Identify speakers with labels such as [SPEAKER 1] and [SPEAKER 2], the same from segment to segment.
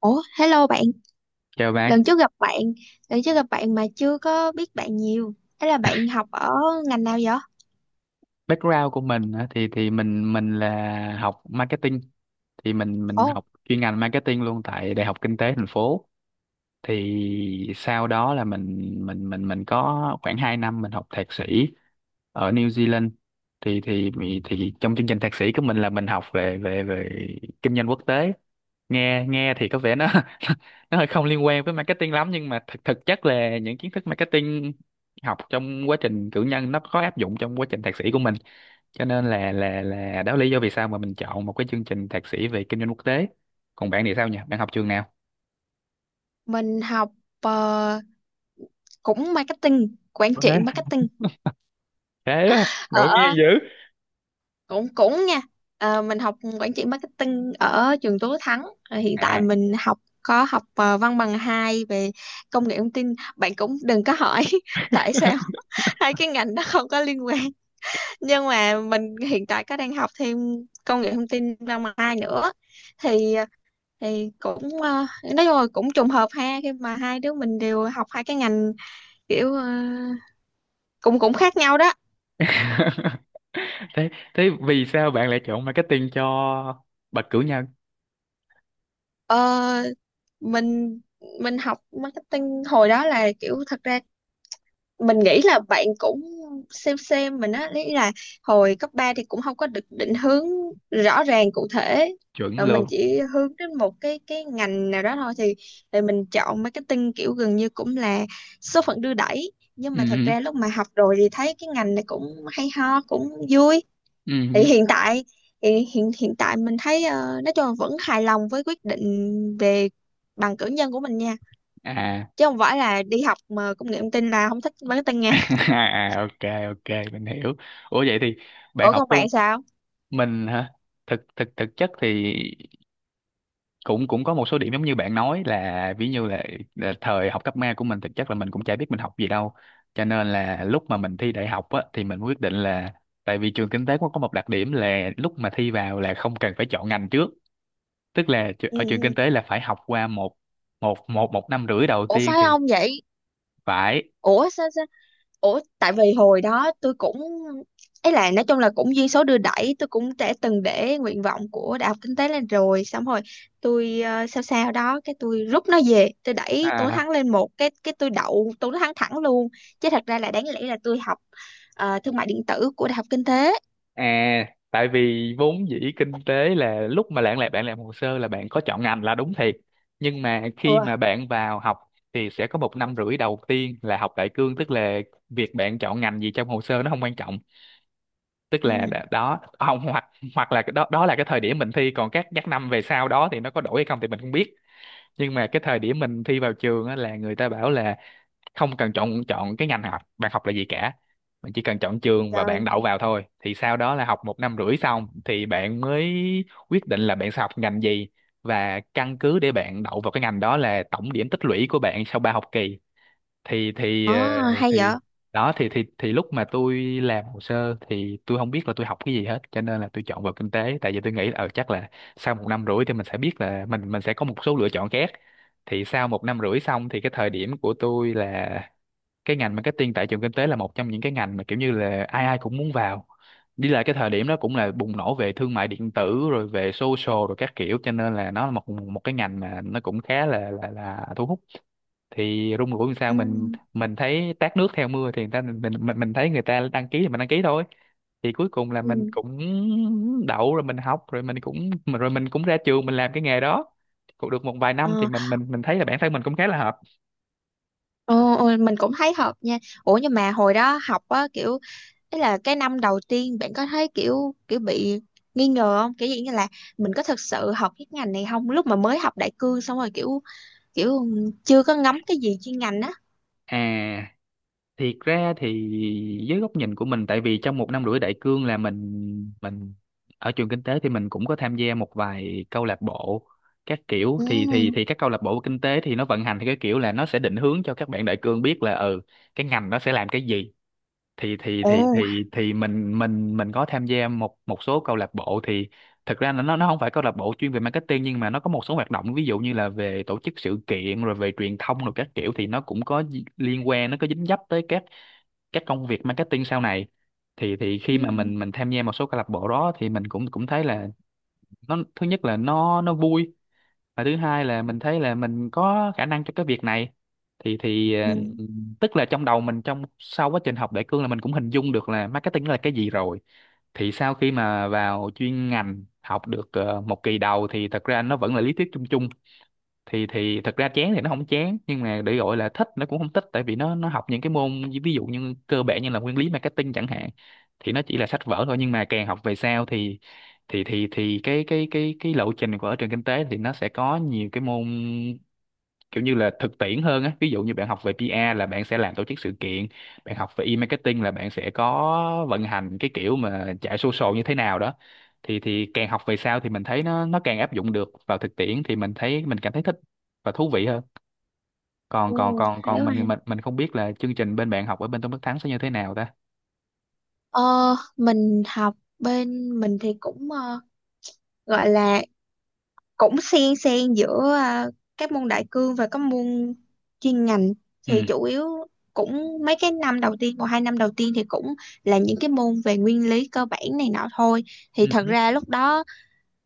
[SPEAKER 1] Ủa, hello bạn,
[SPEAKER 2] Chào bạn.
[SPEAKER 1] lần trước gặp bạn, lần trước gặp bạn mà chưa có biết bạn nhiều. Thế là bạn học ở ngành nào vậy?
[SPEAKER 2] Background của mình á, thì mình là học marketing, thì mình
[SPEAKER 1] Ồ,
[SPEAKER 2] học chuyên ngành marketing luôn tại Đại học Kinh tế thành phố. Thì sau đó là mình có khoảng 2 năm mình học thạc sĩ ở New Zealand. thì thì thì trong chương trình thạc sĩ của mình là mình học về về về kinh doanh quốc tế. Nghe nghe thì có vẻ nó nó hơi không liên quan với marketing lắm, nhưng mà thực thực chất là những kiến thức marketing học trong quá trình cử nhân nó có áp dụng trong quá trình thạc sĩ của mình, cho nên là đó là lý do vì sao mà mình chọn một cái chương trình thạc sĩ về kinh doanh quốc tế. Còn bạn thì sao nhỉ, bạn học trường nào?
[SPEAKER 1] mình học ờ, cũng marketing, quản trị
[SPEAKER 2] Ok.
[SPEAKER 1] marketing.
[SPEAKER 2] Thế á, ngẫu nhiên
[SPEAKER 1] Ở
[SPEAKER 2] dữ.
[SPEAKER 1] cũng cũng nha. Ờ, mình học quản trị marketing ở trường Tú Thắng. Ờ, hiện tại
[SPEAKER 2] À.
[SPEAKER 1] mình học văn bằng 2 về công nghệ thông tin. Bạn cũng đừng có hỏi tại sao hai cái ngành đó không có liên quan. Nhưng mà mình hiện tại có đang học thêm công nghệ thông tin năm hai nữa thì thì cũng nói chung là cũng trùng hợp ha, khi mà hai đứa mình đều học hai cái ngành kiểu cũng cũng khác nhau đó.
[SPEAKER 2] thế thế vì sao bạn lại chọn marketing cho bậc cử nhân?
[SPEAKER 1] Ờ, mình mình học marketing hồi đó là kiểu, thật ra mình nghĩ là bạn cũng xem mình á, lý là hồi cấp 3 thì cũng không có được định hướng rõ ràng cụ thể,
[SPEAKER 2] Chuẩn
[SPEAKER 1] rồi mình
[SPEAKER 2] luôn.
[SPEAKER 1] chỉ hướng đến một cái ngành nào đó thôi, thì mình chọn marketing kiểu gần như cũng là số phận đưa đẩy, nhưng mà thật
[SPEAKER 2] Ừ,
[SPEAKER 1] ra lúc mà học rồi thì thấy cái ngành này cũng hay ho, cũng vui. thì
[SPEAKER 2] ừ.
[SPEAKER 1] hiện tại thì hiện hiện tại mình thấy nói chung là vẫn hài lòng với quyết định về bằng cử nhân của mình nha,
[SPEAKER 2] À.
[SPEAKER 1] chứ không phải là đi học mà công nghệ thông tin là không thích marketing.
[SPEAKER 2] À, ok, ok, mình hiểu. Ủa vậy thì bạn
[SPEAKER 1] Ủa
[SPEAKER 2] học
[SPEAKER 1] còn
[SPEAKER 2] tu.
[SPEAKER 1] bạn sao?
[SPEAKER 2] Mình hả? Thực thực thực chất thì cũng cũng có một số điểm giống như bạn nói, là ví như là thời học cấp ba của mình thực chất là mình cũng chả biết mình học gì đâu, cho nên là lúc mà mình thi đại học á, thì mình quyết định là, tại vì trường kinh tế cũng có một đặc điểm là lúc mà thi vào là không cần phải chọn ngành trước. Tức là
[SPEAKER 1] ừ
[SPEAKER 2] ở trường kinh
[SPEAKER 1] ừ.
[SPEAKER 2] tế là phải học qua một một năm rưỡi đầu
[SPEAKER 1] Ủa
[SPEAKER 2] tiên
[SPEAKER 1] phải
[SPEAKER 2] thì
[SPEAKER 1] không vậy?
[SPEAKER 2] phải.
[SPEAKER 1] Ủa sao sao? Ủa tại vì hồi đó tôi cũng, ấy là nói chung là cũng duyên số đưa đẩy, tôi cũng đã từng để nguyện vọng của đại học kinh tế lên, rồi xong rồi tôi sao sao đó, cái tôi rút nó về, tôi đẩy tôi
[SPEAKER 2] À.
[SPEAKER 1] thắng lên một cái tôi đậu tôi thắng thẳng luôn. Chứ thật ra là đáng lẽ là tôi học thương mại điện tử của đại học kinh tế.
[SPEAKER 2] À, tại vì vốn dĩ kinh tế là lúc mà bạn làm, bạn làm hồ sơ là bạn có chọn ngành là đúng thiệt. Nhưng mà khi
[SPEAKER 1] Ừ.
[SPEAKER 2] mà bạn vào học thì sẽ có một năm rưỡi đầu tiên là học đại cương, tức là việc bạn chọn ngành gì trong hồ sơ nó không quan trọng. Tức là
[SPEAKER 1] Ừ,
[SPEAKER 2] đó không, hoặc hoặc là cái đó đó là cái thời điểm mình thi, còn các năm về sau đó thì nó có đổi hay không thì mình không biết. Nhưng mà cái thời điểm mình thi vào trường á, là người ta bảo là không cần chọn chọn cái ngành học bạn học là gì cả, bạn chỉ cần chọn trường và bạn
[SPEAKER 1] trời.
[SPEAKER 2] đậu vào thôi, thì sau đó là học một năm rưỡi xong thì bạn mới quyết định là bạn sẽ học ngành gì, và căn cứ để bạn đậu vào cái ngành đó là tổng điểm tích lũy của bạn sau ba học kỳ. thì thì
[SPEAKER 1] ờ
[SPEAKER 2] ờ,
[SPEAKER 1] hay vậy.
[SPEAKER 2] thì đó, thì lúc mà tôi làm hồ sơ thì tôi không biết là tôi học cái gì hết, cho nên là tôi chọn vào kinh tế, tại vì tôi nghĩ là chắc là sau một năm rưỡi thì mình sẽ biết là mình sẽ có một số lựa chọn khác. Thì sau một năm rưỡi xong thì cái thời điểm của tôi là cái ngành marketing tại trường kinh tế là một trong những cái ngành mà kiểu như là ai ai cũng muốn vào. Đi lại cái thời điểm đó cũng là bùng nổ về thương mại điện tử, rồi về social rồi các kiểu, cho nên là nó là một một cái ngành mà nó cũng khá là thu hút. Thì rung rủi làm sao
[SPEAKER 1] Ừ.
[SPEAKER 2] mình thấy tát nước theo mưa, thì người ta, mình thấy người ta đăng ký thì mình đăng ký thôi. Thì cuối cùng là mình
[SPEAKER 1] Ừ.
[SPEAKER 2] cũng đậu, rồi mình học, rồi mình cũng rồi mình cũng ra trường, mình làm cái nghề đó cũng được một vài năm thì
[SPEAKER 1] Ờ.
[SPEAKER 2] mình thấy là bản thân mình cũng khá là hợp.
[SPEAKER 1] Ồ, ồ, mình cũng thấy hợp nha. Ủa nhưng mà hồi đó học á, kiểu ý là cái năm đầu tiên bạn có thấy kiểu kiểu bị nghi ngờ không? Kiểu gì như là mình có thực sự học cái ngành này không? Lúc mà mới học đại cương xong rồi kiểu, kiểu chưa có ngắm cái gì chuyên ngành á.
[SPEAKER 2] À, thiệt ra thì với góc nhìn của mình, tại vì trong một năm rưỡi đại cương là mình ở trường kinh tế thì mình cũng có tham gia một vài câu lạc bộ các kiểu.
[SPEAKER 1] Ừ.
[SPEAKER 2] Thì các câu lạc bộ kinh tế thì nó vận hành theo cái kiểu là nó sẽ định hướng cho các bạn đại cương biết là ừ cái ngành nó sẽ làm cái gì. thì thì thì
[SPEAKER 1] Ồ.
[SPEAKER 2] thì thì mình mình mình có tham gia một một số câu lạc bộ. Thì thực ra là nó không phải câu lạc bộ chuyên về marketing, nhưng mà nó có một số hoạt động ví dụ như là về tổ chức sự kiện rồi về truyền thông rồi các kiểu, thì nó cũng có liên quan, nó có dính dấp tới các công việc marketing sau này. Thì
[SPEAKER 1] Ừ.
[SPEAKER 2] khi mà mình tham gia một số câu lạc bộ đó thì mình cũng cũng thấy là nó, thứ nhất là nó vui, và thứ hai là mình thấy là mình có khả năng cho cái việc này. thì thì
[SPEAKER 1] Ừ.
[SPEAKER 2] ờ, Tức là trong đầu mình, trong sau quá trình học đại cương là mình cũng hình dung được là marketing là cái gì rồi. Thì sau khi mà vào chuyên ngành học được một kỳ đầu thì thật ra nó vẫn là lý thuyết chung chung. Thì Thật ra chán thì nó không chán, nhưng mà để gọi là thích nó cũng không thích, tại vì nó học những cái môn ví dụ như cơ bản như là nguyên lý marketing chẳng hạn, thì nó chỉ là sách vở thôi. Nhưng mà càng học về sau thì cái lộ trình của ở trường kinh tế thì nó sẽ có nhiều cái môn kiểu như là thực tiễn hơn á, ví dụ như bạn học về PR là bạn sẽ làm tổ chức sự kiện, bạn học về e-marketing là bạn sẽ có vận hành cái kiểu mà chạy social như thế nào đó. Thì càng học về sau thì mình thấy nó càng áp dụng được vào thực tiễn, thì mình thấy mình cảm thấy thích và thú vị hơn. còn
[SPEAKER 1] Ừ.
[SPEAKER 2] còn còn
[SPEAKER 1] Hay
[SPEAKER 2] còn
[SPEAKER 1] quá.
[SPEAKER 2] mình mình mình không biết là chương trình bên bạn học ở bên Tôn Đức Thắng sẽ như thế nào ta.
[SPEAKER 1] Ờ, mình học bên mình thì cũng gọi là cũng xen xen giữa các môn đại cương và các môn chuyên ngành,
[SPEAKER 2] Ừ.
[SPEAKER 1] thì chủ yếu cũng mấy cái năm đầu tiên, một hai năm đầu tiên thì cũng là những cái môn về nguyên lý cơ bản này nọ thôi. Thì
[SPEAKER 2] Ừ.
[SPEAKER 1] thật ra lúc đó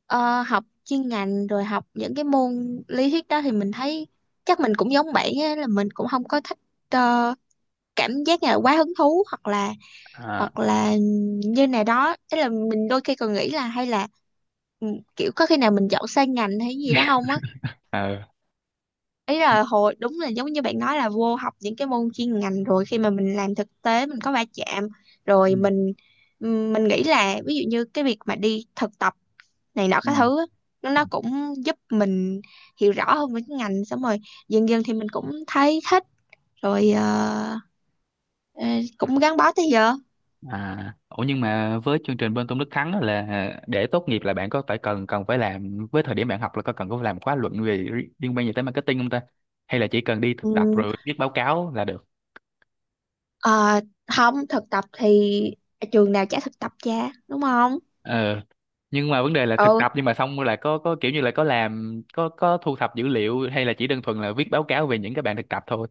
[SPEAKER 1] học chuyên ngành rồi học những cái môn lý thuyết đó thì mình thấy, chắc mình cũng giống bạn á, là mình cũng không có thích ờ, cảm giác như là quá hứng thú. Hoặc là,
[SPEAKER 2] À.
[SPEAKER 1] hoặc là như này đó, ý là mình đôi khi còn nghĩ là hay là ừ, kiểu có khi nào mình chọn sai ngành hay gì đó không á.
[SPEAKER 2] Ờ.
[SPEAKER 1] Ý
[SPEAKER 2] Ừ.
[SPEAKER 1] là hồi đúng là giống như bạn nói là vô học những cái môn chuyên ngành rồi, khi mà mình làm thực tế mình có va chạm
[SPEAKER 2] Ừ.
[SPEAKER 1] rồi mình, mình nghĩ là ví dụ như cái việc mà đi thực tập này nọ
[SPEAKER 2] Ừ.
[SPEAKER 1] các thứ á, nó cũng giúp mình hiểu rõ hơn về cái ngành, xong rồi dần dần thì mình cũng thấy thích rồi. Ờ, ờ, Cũng gắn bó tới giờ.
[SPEAKER 2] À, ủa nhưng mà với chương trình bên Tôn Đức Thắng á, là để tốt nghiệp là bạn có phải cần, phải làm, với thời điểm bạn học là có cần, có phải làm khóa luận về liên quan gì tới marketing không ta? Hay là chỉ cần đi thực tập
[SPEAKER 1] Ừ.
[SPEAKER 2] rồi viết báo cáo là được?
[SPEAKER 1] Ờ, không thực tập thì trường nào trả thực tập cha, đúng không?
[SPEAKER 2] Ờ. Nhưng mà vấn đề là thực
[SPEAKER 1] Ừ.
[SPEAKER 2] tập nhưng mà xong rồi là có kiểu như là có làm, có thu thập dữ liệu, hay là chỉ đơn thuần là viết báo cáo về những cái bạn thực tập thôi.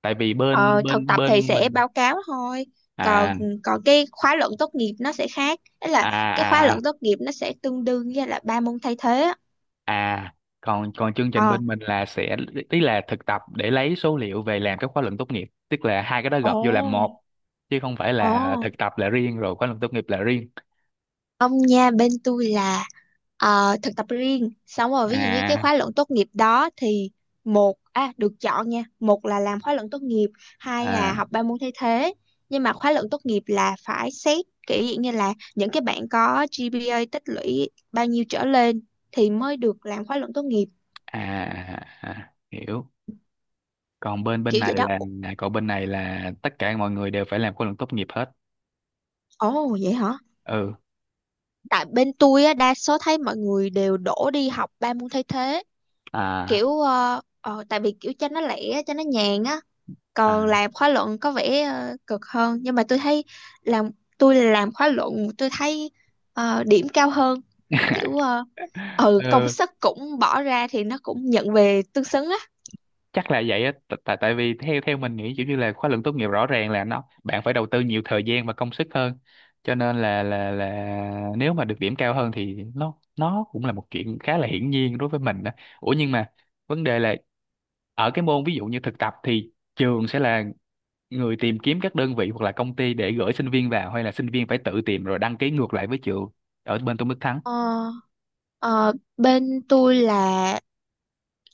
[SPEAKER 2] Tại vì
[SPEAKER 1] Ờ,
[SPEAKER 2] bên
[SPEAKER 1] thực
[SPEAKER 2] bên
[SPEAKER 1] tập thì
[SPEAKER 2] bên
[SPEAKER 1] sẽ
[SPEAKER 2] mình.
[SPEAKER 1] báo cáo thôi. Còn
[SPEAKER 2] À.
[SPEAKER 1] Còn cái khóa luận tốt nghiệp nó sẽ khác. Đấy là
[SPEAKER 2] À.
[SPEAKER 1] cái khóa luận
[SPEAKER 2] À.
[SPEAKER 1] tốt nghiệp nó sẽ tương đương với là ba môn thay thế á.
[SPEAKER 2] À, còn còn chương trình
[SPEAKER 1] Ờ.
[SPEAKER 2] bên mình là sẽ, tức là thực tập để lấy số liệu về làm các khóa luận tốt nghiệp, tức là hai cái đó
[SPEAKER 1] Ồ.
[SPEAKER 2] gộp vô làm một, chứ không phải
[SPEAKER 1] Ồ.
[SPEAKER 2] là thực tập là riêng rồi khóa luận tốt nghiệp là riêng.
[SPEAKER 1] Ông nha, bên tôi là thực tập riêng, xong rồi ví dụ như cái
[SPEAKER 2] À
[SPEAKER 1] khóa luận tốt nghiệp đó thì, một à được chọn nha, một là làm khóa luận tốt nghiệp, hai là
[SPEAKER 2] à
[SPEAKER 1] học ba môn thay thế. Nhưng mà khóa luận tốt nghiệp là phải xét kiểu dạng như là những cái bạn có GPA tích lũy bao nhiêu trở lên thì mới được làm khóa luận tốt nghiệp.
[SPEAKER 2] à, à hiểu. Còn bên bên
[SPEAKER 1] Kiểu vậy
[SPEAKER 2] này
[SPEAKER 1] đó.
[SPEAKER 2] là, còn bên này là tất cả mọi người đều phải làm khóa luận tốt nghiệp hết.
[SPEAKER 1] Ồ vậy hả.
[SPEAKER 2] Ừ.
[SPEAKER 1] Tại bên tôi á, đa số thấy mọi người đều đổ đi học ba môn thay thế,
[SPEAKER 2] À,
[SPEAKER 1] kiểu tại vì kiểu cho nó lẻ cho nó nhàn á.
[SPEAKER 2] à.
[SPEAKER 1] Còn làm khóa luận có vẻ cực hơn, nhưng mà tôi thấy làm tôi làm khóa luận tôi thấy điểm cao hơn. Kiểu ừ, công
[SPEAKER 2] Ừ,
[SPEAKER 1] sức cũng bỏ ra thì nó cũng nhận về tương xứng á.
[SPEAKER 2] chắc là vậy á, tại, tại vì theo theo mình nghĩ kiểu như là khóa luận tốt nghiệp rõ ràng là nó bạn phải đầu tư nhiều thời gian và công sức hơn, cho nên là nếu mà được điểm cao hơn thì nó cũng là một chuyện khá là hiển nhiên đối với mình đó. Ủa nhưng mà vấn đề là, ở cái môn ví dụ như thực tập thì trường sẽ là người tìm kiếm các đơn vị hoặc là công ty để gửi sinh viên vào, hay là sinh viên phải tự tìm rồi đăng ký ngược lại với trường ở bên Tôn Đức Thắng.
[SPEAKER 1] ờ, ờ, Bên tôi là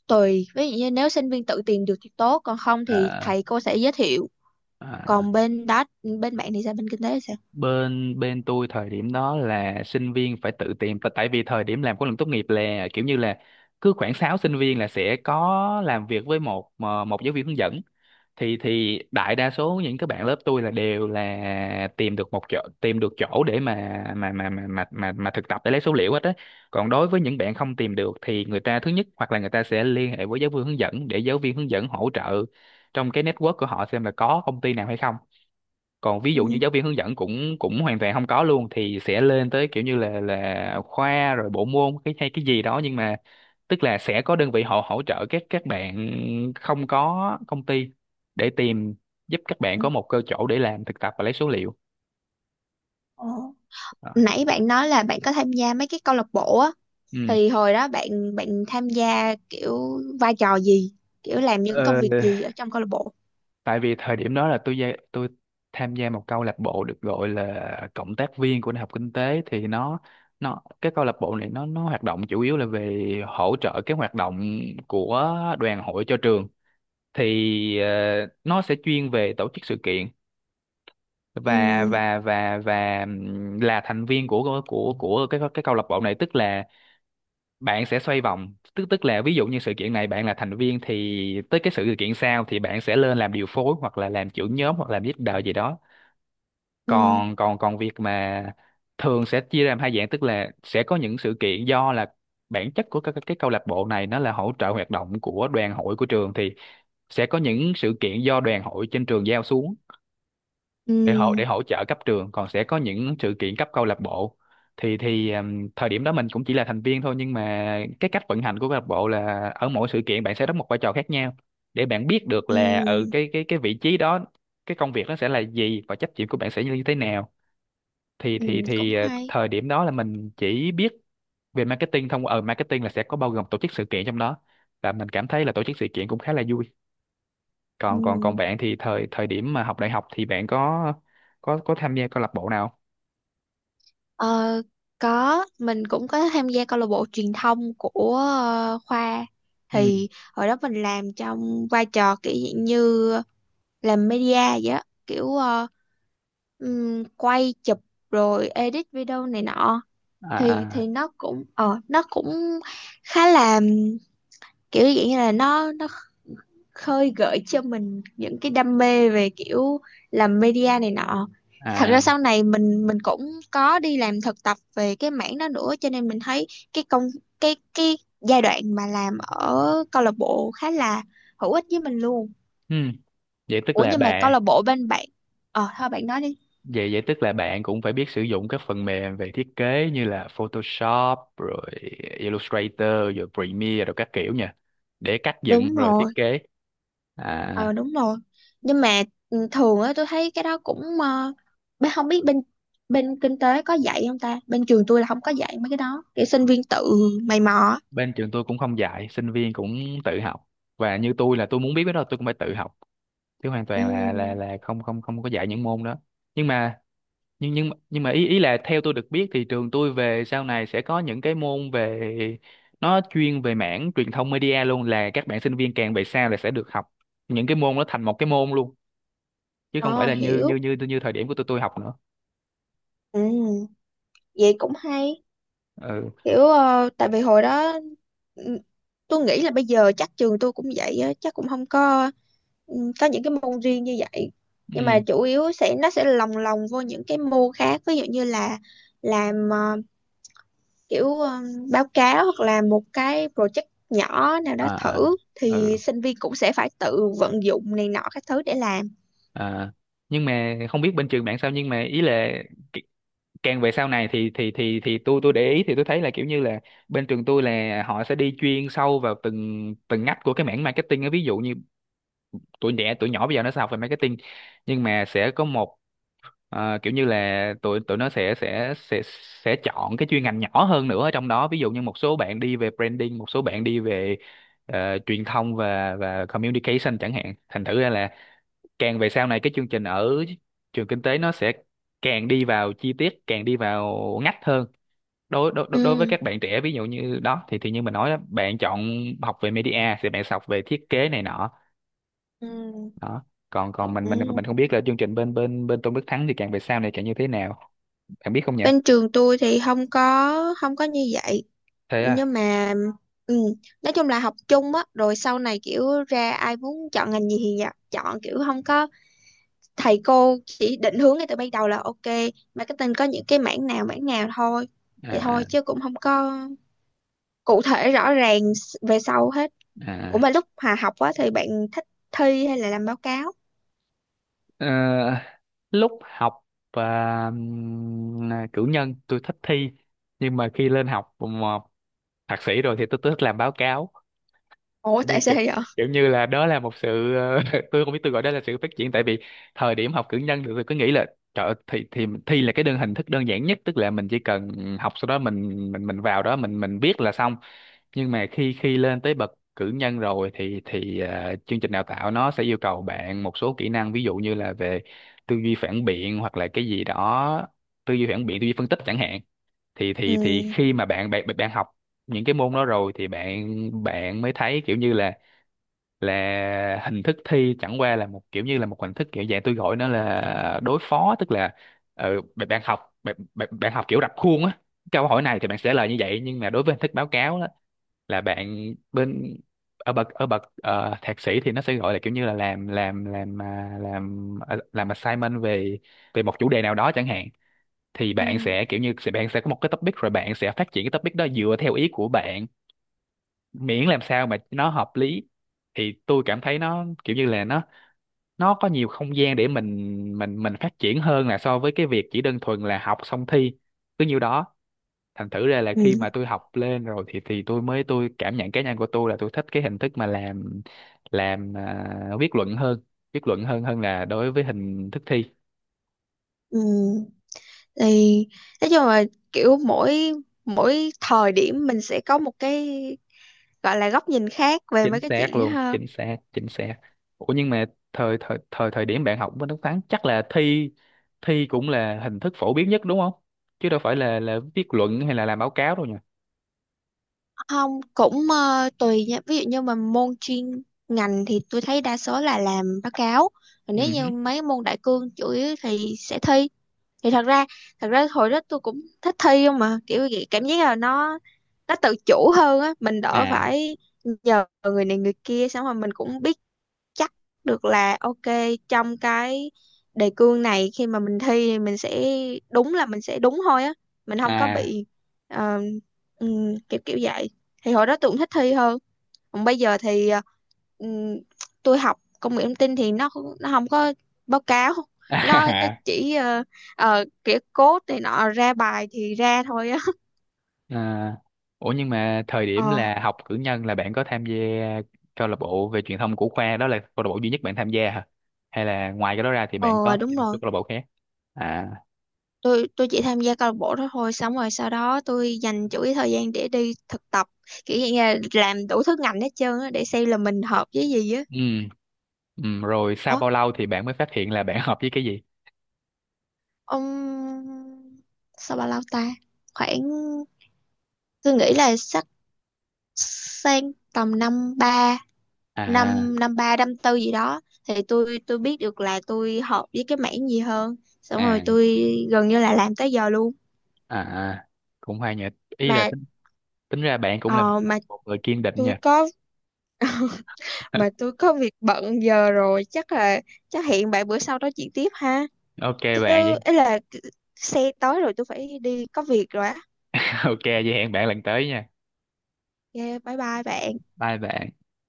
[SPEAKER 1] tùy, ví dụ như nếu sinh viên tự tìm được thì tốt, còn không thì
[SPEAKER 2] À,
[SPEAKER 1] thầy cô sẽ giới thiệu.
[SPEAKER 2] à.
[SPEAKER 1] Còn bên đó, bên bạn thì sao, bên kinh tế thì sao?
[SPEAKER 2] Bên bên tôi thời điểm đó là sinh viên phải tự tìm tại tại vì thời điểm làm khóa luận tốt nghiệp là kiểu như là cứ khoảng 6 sinh viên là sẽ có làm việc với một giáo viên hướng dẫn. Thì đại đa số những các bạn lớp tôi là đều là tìm được một chỗ, tìm được chỗ để mà thực tập để lấy số liệu hết á. Còn đối với những bạn không tìm được thì người ta thứ nhất hoặc là người ta sẽ liên hệ với giáo viên hướng dẫn để giáo viên hướng dẫn hỗ trợ trong cái network của họ xem là có công ty nào hay không. Còn ví dụ như
[SPEAKER 1] Ừ.
[SPEAKER 2] giáo viên hướng dẫn cũng cũng hoàn toàn không có luôn thì sẽ lên tới kiểu như là khoa rồi bộ môn cái hay cái gì đó. Nhưng mà tức là sẽ có đơn vị họ hỗ trợ các bạn không có công ty để tìm, giúp các bạn có một cơ chỗ để làm thực tập và lấy số liệu.
[SPEAKER 1] Ờ.
[SPEAKER 2] Đó.
[SPEAKER 1] Nãy bạn nói là bạn có tham gia mấy cái câu lạc bộ á,
[SPEAKER 2] Ừ.
[SPEAKER 1] thì hồi đó bạn bạn tham gia kiểu vai trò gì, kiểu làm những công
[SPEAKER 2] Ờ,
[SPEAKER 1] việc gì ở trong câu lạc bộ?
[SPEAKER 2] Tại vì thời điểm đó là tôi tham gia một câu lạc bộ được gọi là cộng tác viên của Đại học Kinh tế. Thì nó cái câu lạc bộ này nó hoạt động chủ yếu là về hỗ trợ cái hoạt động của đoàn hội cho trường. Thì nó sẽ chuyên về tổ chức sự kiện. và
[SPEAKER 1] Ừ.
[SPEAKER 2] và và và ừm, là thành viên của của cái câu lạc bộ này tức là bạn sẽ xoay vòng, tức tức là ví dụ như sự kiện này bạn là thành viên thì tới cái sự kiện sau thì bạn sẽ lên làm điều phối hoặc là làm trưởng nhóm hoặc làm leader gì đó.
[SPEAKER 1] Ừ.
[SPEAKER 2] Còn còn còn việc mà thường sẽ chia ra làm hai dạng, tức là sẽ có những sự kiện do là bản chất của các cái câu lạc bộ này nó là hỗ trợ hoạt động của đoàn hội của trường thì sẽ có những sự kiện do đoàn hội trên trường giao xuống
[SPEAKER 1] Ừ.
[SPEAKER 2] để hỗ trợ cấp trường, còn sẽ có những sự kiện cấp câu lạc bộ. Thì thời điểm đó mình cũng chỉ là thành viên thôi, nhưng mà cái cách vận hành của câu lạc bộ là ở mỗi sự kiện bạn sẽ đóng một vai trò khác nhau để bạn biết được là ở
[SPEAKER 1] Ừm.
[SPEAKER 2] cái vị trí đó cái công việc nó sẽ là gì và trách nhiệm của bạn sẽ như thế nào.
[SPEAKER 1] Ừm, cũng hay.
[SPEAKER 2] Thời điểm đó là mình chỉ biết về marketing thông ở marketing, là sẽ có bao gồm tổ chức sự kiện trong đó, và mình cảm thấy là tổ chức sự kiện cũng khá là vui. Còn còn còn
[SPEAKER 1] Ừm.
[SPEAKER 2] bạn thì thời thời điểm mà học đại học thì bạn có có tham gia câu lạc bộ nào?
[SPEAKER 1] Ờ, có, mình cũng có tham gia câu lạc bộ truyền thông của khoa.
[SPEAKER 2] Ừ.
[SPEAKER 1] Thì hồi đó mình làm trong vai trò kiểu dạng như làm media vậy á, kiểu quay chụp rồi edit video này nọ. thì
[SPEAKER 2] À.
[SPEAKER 1] thì nó cũng, nó cũng khá là kiểu dạng như là nó khơi gợi cho mình những cái đam mê về kiểu làm media này nọ. Thật
[SPEAKER 2] À.
[SPEAKER 1] ra sau này mình cũng có đi làm thực tập về cái mảng đó nữa, cho nên mình thấy cái công cái giai đoạn mà làm ở câu lạc bộ khá là hữu ích với mình luôn.
[SPEAKER 2] Ừ. vậy tức
[SPEAKER 1] Ủa
[SPEAKER 2] là
[SPEAKER 1] nhưng mà câu
[SPEAKER 2] bà
[SPEAKER 1] lạc bộ bên bạn, ờ thôi bạn nói đi.
[SPEAKER 2] Vậy vậy tức là bạn cũng phải biết sử dụng các phần mềm về thiết kế như là Photoshop rồi Illustrator rồi Premiere rồi các kiểu nha, để cắt dựng
[SPEAKER 1] Đúng
[SPEAKER 2] rồi thiết
[SPEAKER 1] rồi.
[SPEAKER 2] kế.
[SPEAKER 1] Ờ
[SPEAKER 2] À.
[SPEAKER 1] đúng rồi. Nhưng mà ừ, thường á tôi thấy cái đó cũng bé- không biết bên bên kinh tế có dạy không ta, bên trường tôi là không có dạy mấy cái đó, kiểu sinh viên tự mày mò á.
[SPEAKER 2] Bên trường tôi cũng không dạy, sinh viên cũng tự học. Và như tôi là tôi muốn biết cái đó tôi cũng phải tự học chứ hoàn
[SPEAKER 1] Ừ.
[SPEAKER 2] toàn là không không không có dạy những môn đó. Nhưng mà nhưng mà ý ý là theo tôi được biết thì trường tôi về sau này sẽ có những cái môn về, nó chuyên về mảng truyền thông media luôn, là các bạn sinh viên càng về sau là sẽ được học những cái môn, nó thành một cái môn luôn, chứ không phải
[SPEAKER 1] Ờ
[SPEAKER 2] là như
[SPEAKER 1] hiểu.
[SPEAKER 2] như thời điểm của tôi học nữa.
[SPEAKER 1] Ừ, vậy cũng hay.
[SPEAKER 2] Ừ.
[SPEAKER 1] Kiểu tại vì hồi đó ừ, tôi nghĩ là bây giờ chắc trường tôi cũng vậy á, chắc cũng không có có những cái môn riêng như vậy. Nhưng mà
[SPEAKER 2] Ừ.
[SPEAKER 1] chủ yếu sẽ, nó sẽ lồng lồng vô những cái môn khác, ví dụ như là làm kiểu báo cáo, hoặc là một cái project nhỏ nào đó
[SPEAKER 2] À,
[SPEAKER 1] thử,
[SPEAKER 2] à. Ừ.
[SPEAKER 1] thì sinh viên cũng sẽ phải tự vận dụng này nọ các thứ để làm.
[SPEAKER 2] À. Nhưng mà không biết bên trường bạn sao, nhưng mà ý là c- càng về sau này thì thì tôi để ý thì tôi thấy là kiểu như là bên trường tôi là họ sẽ đi chuyên sâu vào từng từng ngách của cái mảng marketing á, ví dụ như tuổi trẻ tuổi nhỏ bây giờ nó sẽ học về marketing, nhưng mà sẽ có một, kiểu như là tụi tụi nó sẽ sẽ chọn cái chuyên ngành nhỏ hơn nữa ở trong đó, ví dụ như một số bạn đi về branding, một số bạn đi về truyền thông và communication chẳng hạn. Thành thử ra là càng về sau này cái chương trình ở trường kinh tế nó sẽ càng đi vào chi tiết, càng đi vào ngách hơn. Đối đối đối đối với
[SPEAKER 1] Ừ.
[SPEAKER 2] các bạn trẻ ví dụ như đó thì như mình nói đó, bạn chọn học về media thì bạn sẽ học về thiết kế này nọ.
[SPEAKER 1] Ừ.
[SPEAKER 2] Đó. Còn còn
[SPEAKER 1] Ừ.
[SPEAKER 2] mình không biết là chương trình bên bên bên Tôn Đức Thắng thì càng về sau này càng như thế nào, bạn biết không nhỉ?
[SPEAKER 1] Bên trường tôi thì không có như vậy,
[SPEAKER 2] Thế à?
[SPEAKER 1] nhưng mà ừ, nói chung là học chung á, rồi sau này kiểu ra ai muốn chọn ngành gì thì dạ, chọn, kiểu không có thầy cô chỉ định hướng ngay từ ban đầu là ok, marketing có những cái mảng nào, mảng nào thôi, vậy thôi,
[SPEAKER 2] À,
[SPEAKER 1] chứ cũng không có cụ thể rõ ràng s- về sau hết. Ủa
[SPEAKER 2] à.
[SPEAKER 1] mà lúc hòa học á thì bạn thích thi hay là làm báo cáo?
[SPEAKER 2] Ờ, Lúc học à, cử nhân tôi thích thi, nhưng mà khi lên học mà thạc sĩ rồi thì tôi thích làm báo cáo.
[SPEAKER 1] Ủa
[SPEAKER 2] Kiểu như
[SPEAKER 1] tại sao vậy?
[SPEAKER 2] kiểu như là đó là một sự tôi không biết, tôi gọi đó là sự phát triển. Tại vì thời điểm học cử nhân thì tôi cứ nghĩ là Trời ơi, thì thi là cái đơn hình thức đơn giản nhất, tức là mình chỉ cần học sau đó mình mình vào đó mình viết là xong. Nhưng mà khi khi lên tới bậc cử nhân rồi thì chương trình đào tạo nó sẽ yêu cầu bạn một số kỹ năng, ví dụ như là về tư duy phản biện hoặc là cái gì đó, tư duy phản biện tư duy phân tích chẳng hạn. Thì
[SPEAKER 1] Ừ.
[SPEAKER 2] khi mà bạn bạn bạn học những cái môn đó rồi thì bạn bạn mới thấy kiểu như là hình thức thi chẳng qua là một kiểu như là một hình thức kiểu dạng tôi gọi nó là đối phó, tức là bạn bạn học bạn học kiểu rập khuôn á, câu hỏi này thì bạn sẽ lời như vậy. Nhưng mà đối với hình thức báo cáo á, là bạn bên ở bậc thạc sĩ thì nó sẽ gọi là kiểu như là làm làm assignment về về một chủ đề nào đó chẳng hạn, thì bạn
[SPEAKER 1] Ừ.
[SPEAKER 2] sẽ kiểu như bạn sẽ có một cái topic rồi bạn sẽ phát triển cái topic đó dựa theo ý của bạn, miễn làm sao mà nó hợp lý. Thì tôi cảm thấy nó kiểu như là nó có nhiều không gian để mình mình phát triển hơn là so với cái việc chỉ đơn thuần là học xong thi cứ nhiêu đó. Thành thử ra là khi
[SPEAKER 1] Ừ.
[SPEAKER 2] mà tôi học lên rồi thì tôi mới, tôi cảm nhận cá nhân của tôi là tôi thích cái hình thức mà làm viết luận hơn, viết luận hơn hơn là đối với hình thức thi.
[SPEAKER 1] Ừ. Thì nói chung là kiểu mỗi mỗi thời điểm mình sẽ có một cái gọi là góc nhìn khác về
[SPEAKER 2] Chính
[SPEAKER 1] mấy cái
[SPEAKER 2] xác
[SPEAKER 1] chuyện đó
[SPEAKER 2] luôn,
[SPEAKER 1] ha.
[SPEAKER 2] chính xác, chính xác. Ủa, nhưng mà thời thời thời thời điểm bạn học bên Đức Thắng chắc là thi, thi cũng là hình thức phổ biến nhất đúng không, chứ đâu phải là viết luận hay là làm báo cáo đâu nhỉ?
[SPEAKER 1] Không, cũng tùy nha. Ví dụ như mà môn chuyên ngành thì tôi thấy đa số là làm báo cáo. Còn
[SPEAKER 2] Ừ
[SPEAKER 1] nếu như
[SPEAKER 2] hứ.
[SPEAKER 1] mấy môn đại cương chủ yếu thì sẽ thi. Thì thật ra Thật ra hồi đó tôi cũng thích thi không, mà kiểu vậy cảm giác là nó tự chủ hơn á, mình đỡ
[SPEAKER 2] À.
[SPEAKER 1] phải nhờ người này người kia, xong rồi mình cũng biết chắc được là ok, trong cái đề cương này khi mà mình thi thì mình sẽ đúng, là mình sẽ đúng thôi á, mình không có
[SPEAKER 2] À.
[SPEAKER 1] bị ờ, kiểu kiểu vậy. Thì hồi đó tôi cũng thích thi hơn. Còn bây giờ thì ừm, tôi học công nghệ thông tin thì nó không có báo cáo, nó chỉ kiểu code này nọ, ra bài thì ra thôi á
[SPEAKER 2] À, ủa nhưng mà thời điểm
[SPEAKER 1] ờ.
[SPEAKER 2] là học cử nhân là bạn có tham gia câu lạc bộ về truyền thông của khoa, đó là câu lạc bộ duy nhất bạn tham gia hả? Hay là ngoài cái đó ra thì bạn có
[SPEAKER 1] Ờ
[SPEAKER 2] tham
[SPEAKER 1] đúng
[SPEAKER 2] gia một số
[SPEAKER 1] rồi.
[SPEAKER 2] câu lạc bộ khác? À.
[SPEAKER 1] Tôi chỉ tham gia câu lạc bộ đó thôi, xong rồi sau đó tôi dành chủ yếu thời gian để đi thực tập, kiểu như là làm đủ thứ ngành hết trơn á, để xem là mình hợp với gì á.
[SPEAKER 2] Ừ. Ừ, rồi sau
[SPEAKER 1] Ủa,
[SPEAKER 2] bao lâu thì bạn mới phát hiện là bạn hợp với cái gì?
[SPEAKER 1] ông sao bao lâu ta, khoảng, tôi nghĩ là sắp sang tầm năm ba,
[SPEAKER 2] À,
[SPEAKER 1] năm năm ba năm tư gì đó, thì tôi biết được là tôi hợp với cái mảng gì hơn, xong rồi
[SPEAKER 2] à.
[SPEAKER 1] tôi gần như là làm tới giờ luôn.
[SPEAKER 2] À, à, cũng hay nhỉ. Ý là
[SPEAKER 1] Mà
[SPEAKER 2] tính ra bạn cũng là
[SPEAKER 1] ờ, mà
[SPEAKER 2] một người kiên định nhỉ?
[SPEAKER 1] tôi có mà tôi có việc bận giờ rồi, chắc là chắc hẹn bạn bữa sau nói chuyện tiếp ha.
[SPEAKER 2] Ok bạn,
[SPEAKER 1] Chứ ấy là xe tới rồi, tôi phải đi có việc rồi á.
[SPEAKER 2] ok vậy hẹn bạn lần tới nha.
[SPEAKER 1] Yeah, bye bye bạn.
[SPEAKER 2] Bye bạn.